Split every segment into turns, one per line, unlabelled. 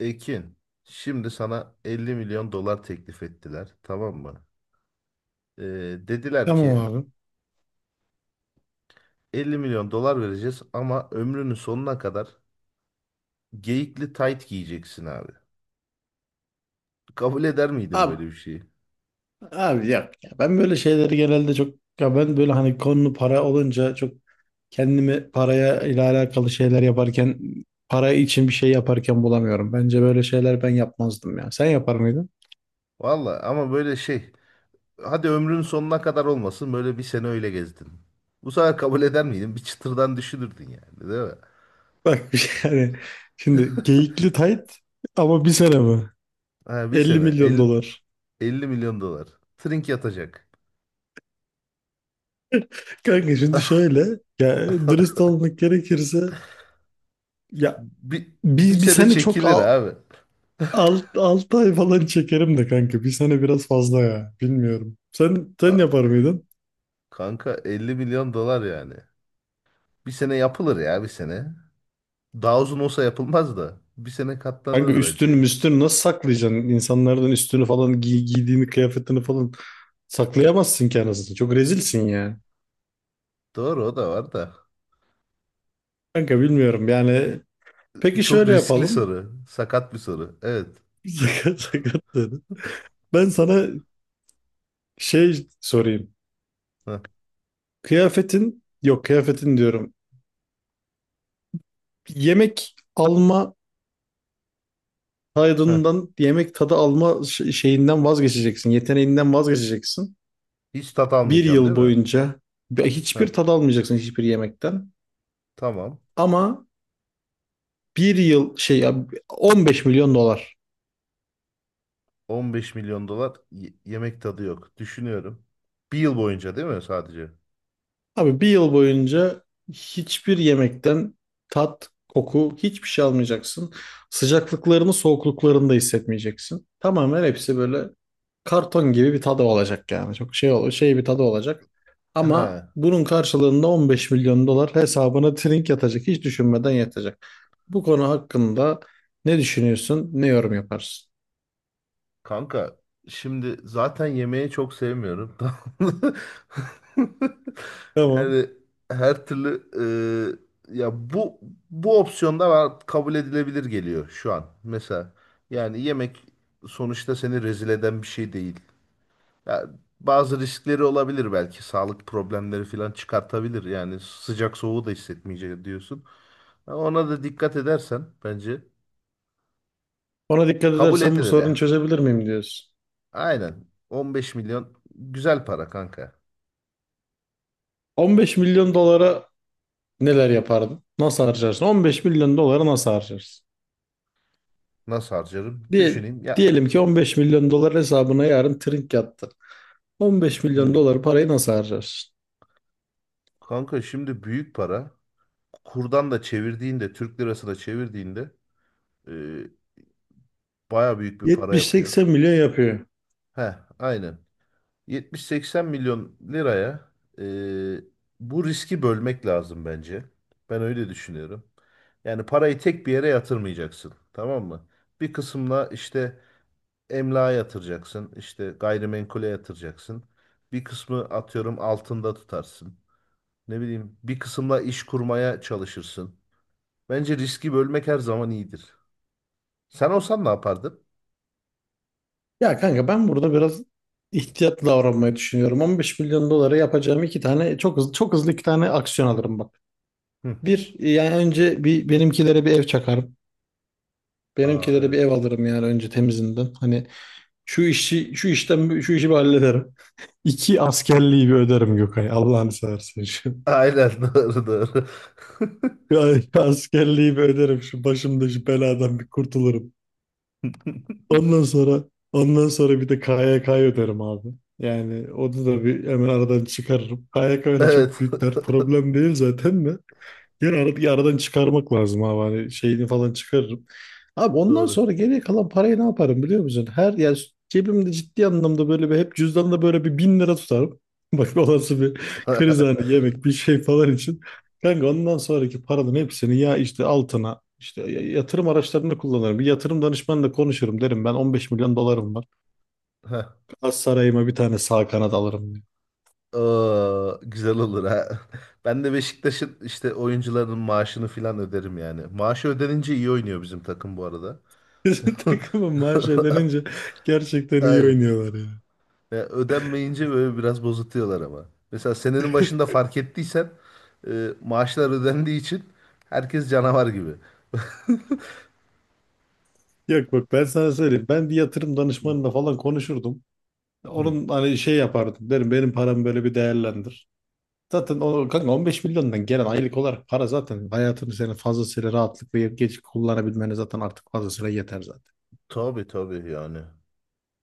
Ekin, şimdi sana 50 milyon dolar teklif ettiler, tamam mı? Ee, dediler
Tamam
ki
abi.
50 milyon dolar vereceğiz ama ömrünün sonuna kadar geyikli tayt giyeceksin abi. Kabul eder miydin
Abi,
böyle bir şeyi?
abi yok ya. Ben böyle şeyleri genelde çok ya ben böyle hani konu para olunca çok kendimi paraya ile alakalı şeyler yaparken para için bir şey yaparken bulamıyorum. Bence böyle şeyler ben yapmazdım ya. Sen yapar mıydın?
Valla ama böyle şey, hadi ömrünün sonuna kadar olmasın böyle bir sene öyle gezdin. Bu sefer kabul eder miydin? Bir çıtırdan düşünürdün yani, değil mi?
Bak, bir şey yani şimdi geyikli tayt ama bir sene mi?
Ha, bir
50
sene
milyon
50,
dolar.
50 milyon dolar. Trink yatacak.
Kanka şimdi şöyle, ya dürüst olmak gerekirse, ya
Bir
bir
sene
sene çok
çekilir
al.
abi.
Alt, 6 ay falan çekerim de kanka. Bir sene biraz fazla ya. Bilmiyorum. Sen yapar mıydın?
Kanka 50 milyon dolar yani. Bir sene yapılır ya bir sene. Daha uzun olsa yapılmaz da. Bir sene
Kanka
katlanır
üstün
bence.
müstün nasıl saklayacaksın? İnsanlardan üstünü falan giy, giydiğini kıyafetini falan saklayamazsın ki anasını. Çok rezilsin ya.
Doğru o da var da.
Kanka bilmiyorum yani. Peki
Çok
şöyle
riskli
yapalım.
soru. Sakat bir soru. Evet.
Sakat sakat dedi. Ben sana sorayım.
Heh,
Kıyafetin yok kıyafetin diyorum. Yemek alma
heh.
taydından yemek tadı alma şeyinden vazgeçeceksin. Yeteneğinden vazgeçeceksin.
Hiç tat
Bir
almayacağım değil
yıl
mi?
boyunca
Heh,
hiçbir tad almayacaksın hiçbir yemekten.
tamam.
Ama bir yıl şey ya 15 milyon dolar.
15 milyon dolar yemek tadı yok. Düşünüyorum. Bir yıl boyunca değil mi sadece?
Abi bir yıl boyunca hiçbir yemekten tat, koku, hiçbir şey almayacaksın. Sıcaklıklarını, soğukluklarını da hissetmeyeceksin. Tamamen hepsi böyle karton gibi bir tadı olacak yani. Çok şey bir tadı olacak.
He.
Ama bunun karşılığında 15 milyon dolar hesabına trink yatacak. Hiç düşünmeden yatacak. Bu konu hakkında ne düşünüyorsun, ne yorum yaparsın?
Kanka şimdi zaten yemeği çok sevmiyorum. Tamam mı?
Tamam.
Yani her türlü ya bu opsiyonda var kabul edilebilir geliyor şu an. Mesela yani yemek sonuçta seni rezil eden bir şey değil. Ya bazı riskleri olabilir belki sağlık problemleri falan çıkartabilir. Yani sıcak soğuğu da hissetmeyecek diyorsun. Ona da dikkat edersen bence
Ona dikkat
kabul
edersen bu
edilir
sorunu
ya.
çözebilir miyim diyorsun.
Aynen. 15 milyon güzel para kanka.
15 milyon dolara neler yapardın? Nasıl harcarsın? 15 milyon doları nasıl harcarsın?
Nasıl harcarım?
Diye,
Düşüneyim ya.
diyelim ki 15 milyon dolar hesabına yarın trink yattı. 15 milyon
Hmm.
dolar parayı nasıl harcarsın?
Kanka şimdi büyük para. Kurdan da çevirdiğinde, Türk lirasına çevirdiğinde e, baya büyük bir para yapıyor.
70-80 milyon yapıyor.
Heh, aynen. 70-80 milyon liraya e, bu riski bölmek lazım bence. Ben öyle düşünüyorum. Yani parayı tek bir yere yatırmayacaksın. Tamam mı? Bir kısımla işte emlağa yatıracaksın. İşte gayrimenkule yatıracaksın. Bir kısmı atıyorum altında tutarsın. Ne bileyim bir kısımla iş kurmaya çalışırsın. Bence riski bölmek her zaman iyidir. Sen olsan ne yapardın?
Ya kanka ben burada biraz ihtiyatlı davranmayı düşünüyorum. 15 milyon dolara yapacağım iki tane çok hızlı çok hızlı iki tane aksiyon alırım bak.
Hı.
Bir, yani önce bir benimkilere bir ev çakarım.
Aa,
Benimkilere bir ev
evet.
alırım yani önce temizinden. Hani şu işi şu işten şu işi bir hallederim. İki, askerliği bir öderim Gökay. Allah'ını seversen şu.
Aynen doğru doğru.
Ya, askerliği bir öderim şu başımda şu beladan bir kurtulurum. Ondan sonra ondan sonra bir de KYK'yı öderim abi. Yani onu da bir hemen aradan çıkarırım. KYK öyle çok
Evet.
büyük dert problem değil zaten de. Yani bir aradan çıkarmak lazım abi. Hani şeyini falan çıkarırım. Abi ondan
Doğru.
sonra geriye kalan parayı ne yaparım biliyor musun? Her yani cebimde ciddi anlamda böyle bir hep cüzdanla böyle bir 1.000 lira tutarım. Bak olası bir kriz hani yemek bir şey falan için. Kanka ondan sonraki paranın hepsini ya işte altına işte yatırım araçlarını kullanırım. Bir yatırım danışmanla konuşurum, derim ben 15 milyon dolarım var.
Heh.
Az sarayıma bir tane sağ kanat alırım diye.
Aa, güzel olur ha. Ben de Beşiktaş'ın işte oyuncuların maaşını filan öderim yani. Maaşı ödenince iyi oynuyor bizim takım bu arada.
Bizim takımın maaş ödenince gerçekten iyi
Aynen.
oynuyorlar ya.
Ya ödenmeyince böyle biraz bozutuyorlar ama. Mesela senenin başında fark ettiysen maaşlar ödendiği için herkes canavar gibi.
Yok bak ben sana söyleyeyim. Ben bir yatırım danışmanıyla falan konuşurdum.
Hı.
Onun hani şey yapardım. Derim benim paramı böyle bir değerlendir. Zaten o kanka 15 milyondan gelen aylık olarak para zaten hayatını senin fazlasıyla rahatlıkla yiyip geç kullanabilmene zaten artık fazlasıyla yeter zaten.
Tabii tabii yani.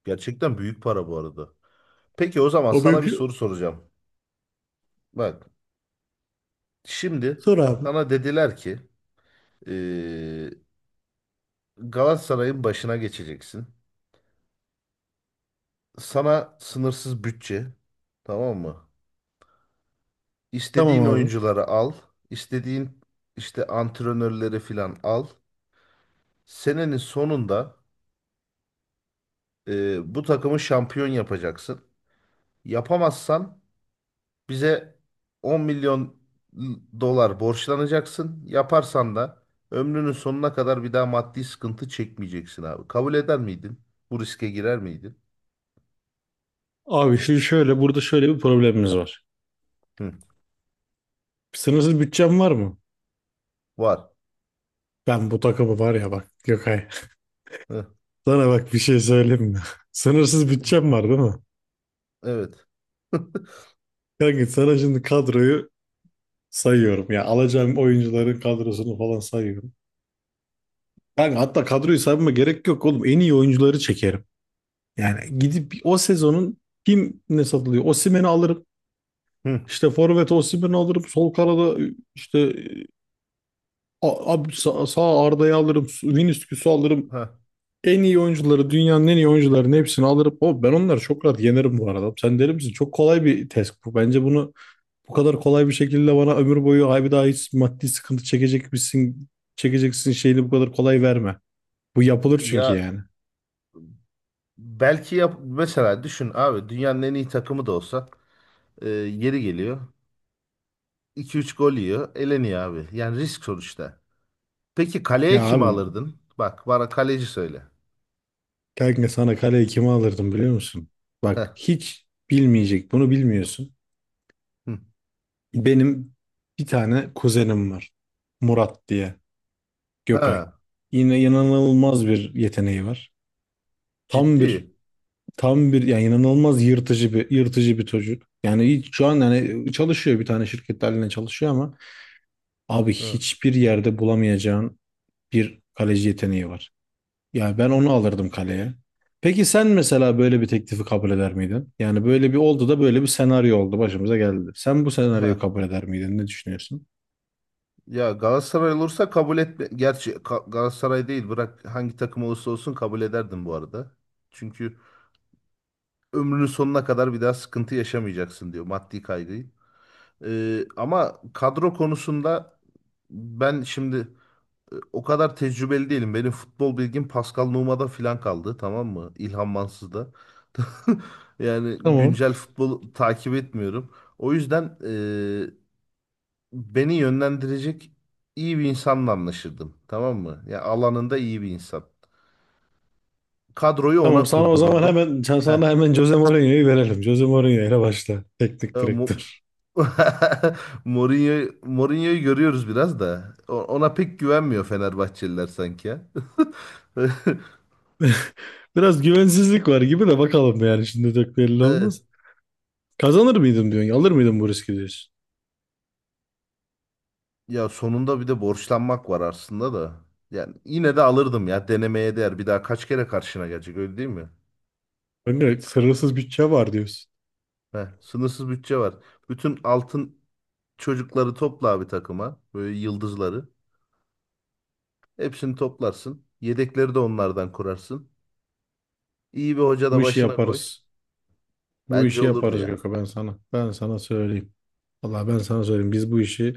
Gerçekten büyük para bu arada. Peki o zaman
O
sana
benim
bir
şey-
soru soracağım. Bak şimdi
Sor abi.
sana dediler ki eee, Galatasaray'ın başına geçeceksin. Sana sınırsız bütçe, tamam mı?
Tamam
İstediğin
abi.
oyuncuları al. İstediğin işte antrenörleri filan al. Senenin sonunda bu takımı şampiyon yapacaksın. Yapamazsan bize 10 milyon dolar borçlanacaksın. Yaparsan da ömrünün sonuna kadar bir daha maddi sıkıntı çekmeyeceksin abi. Kabul eder miydin? Bu riske girer miydin?
Abi şimdi şöyle burada şöyle bir problemimiz var.
Hı.
Sınırsız bütçem var mı?
Var.
Ben bu takımı var ya bak Gökay.
Hı.
Sana bak bir şey söyleyeyim mi? Sınırsız bütçem var değil mi?
Evet.
Kanka sana şimdi kadroyu sayıyorum ya. Alacağım oyuncuların kadrosunu falan sayıyorum. Yani hatta kadroyu saymama gerek yok oğlum. En iyi oyuncuları çekerim. Yani gidip o sezonun kim ne satılıyor? Osimhen'i alırım.
Hı.
İşte forvet Osimhen'i alırım. Sol kanada işte e, A- abi sağ Arda'yı alırım. Vinicius'u alırım.
Ha.
En iyi oyuncuları, dünyanın en iyi oyuncularının hepsini alırım. O ben onları çok rahat yenerim bu arada. Sen deli misin? Çok kolay bir test bu. Bence bunu bu kadar kolay bir şekilde bana ömür boyu ay bir daha hiç maddi sıkıntı çekecek misin, çekeceksin şeyini bu kadar kolay verme. Bu yapılır çünkü
Ya
yani.
belki yap, mesela düşün abi, dünyanın en iyi takımı da olsa yeri geliyor. İki üç gol yiyor. Eleniyor abi. Yani risk sonuçta. Peki kaleye
Ya
kimi
abi,
alırdın? Bak bana kaleci söyle.
kanka sana kaleyi kime alırdım biliyor musun?
Heh.
Bak hiç bilmeyecek bunu, bilmiyorsun.
Hı.
Benim bir tane kuzenim var. Murat diye. Gökay.
Ha,
Yine inanılmaz bir yeteneği var. Tam bir
ciddi.
Tam bir yani inanılmaz yırtıcı bir çocuk. Yani şu an yani çalışıyor bir tane şirkette haline çalışıyor ama abi
Ha.
hiçbir yerde bulamayacağın bir kaleci yeteneği var. Yani ben onu alırdım kaleye. Peki sen mesela böyle bir teklifi kabul eder miydin? Yani böyle bir oldu da böyle bir senaryo oldu başımıza geldi. Sen bu senaryoyu
Ha.
kabul eder miydin? Ne düşünüyorsun?
Ya Galatasaray olursa kabul etme. Gerçi Galatasaray değil, bırak, hangi takım olursa olsun kabul ederdim bu arada. Çünkü ömrünün sonuna kadar bir daha sıkıntı yaşamayacaksın diyor maddi kaygıyı. Ama kadro konusunda ben şimdi o kadar tecrübeli değilim. Benim futbol bilgim Pascal Nouma'da filan kaldı, tamam mı? İlhan Mansız'da. Yani
Tamam.
güncel futbol takip etmiyorum. O yüzden beni yönlendirecek iyi bir insanla anlaşırdım. Tamam mı? Ya alanında iyi bir insan. Kadroyu
Tamam,
ona
sana o zaman
kurdururdum.
hemen
Heh.
sana hemen Jose Mourinho'yu verelim. Jose Mourinho ile başla.
E,
Teknik
Mo-
direktör.
Mourinho'yu görüyoruz biraz da. Ona pek güvenmiyor Fenerbahçeliler sanki ya.
Biraz güvensizlik var gibi de, bakalım yani şimdi çok belli
Evet.
olmaz. Kazanır mıydım diyorsun? Alır mıydım bu riski diyorsun?
Ya sonunda bir de borçlanmak var aslında da. Yani yine de alırdım ya, denemeye değer. Bir daha kaç kere karşına gelecek, öyle değil mi?
Önce sınırsız bütçe var diyorsun.
Heh, sınırsız bütçe var. Bütün altın çocukları topla abi takıma. Böyle yıldızları. Hepsini toplarsın. Yedekleri de onlardan kurarsın. İyi bir hoca da
Bu işi
başına koy.
yaparız. Bu
Bence
işi
olurdu
yaparız
ya.
Gökhan, ben sana. Ben sana söyleyeyim. Vallahi ben sana söyleyeyim. Biz bu işi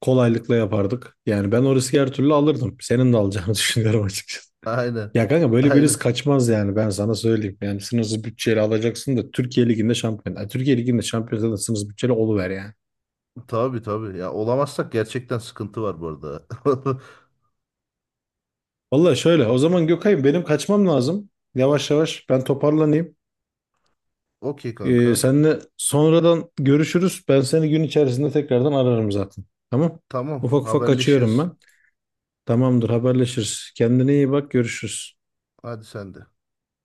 kolaylıkla yapardık. Yani ben o riski her türlü alırdım. Senin de alacağını düşünüyorum açıkçası.
Aynen.
Ya kanka böyle birisi
Aynen.
kaçmaz yani, ben sana söyleyeyim. Yani sınırsız bütçeyle alacaksın da Türkiye Ligi'nde şampiyon. Yani Türkiye Ligi'nde şampiyon zaten sınırsız bütçeyle oluver yani.
Tabii tabii. Ya olamazsak gerçekten sıkıntı var bu arada.
Vallahi şöyle, o zaman Gökay'ım benim kaçmam lazım. Yavaş yavaş ben toparlanayım.
Okey kanka.
Seninle sonradan görüşürüz. Ben seni gün içerisinde tekrardan ararım zaten. Tamam.
Tamam,
Ufak ufak kaçıyorum
haberleşiriz.
ben. Tamamdır, haberleşiriz. Kendine iyi bak, görüşürüz.
Hadi sen de.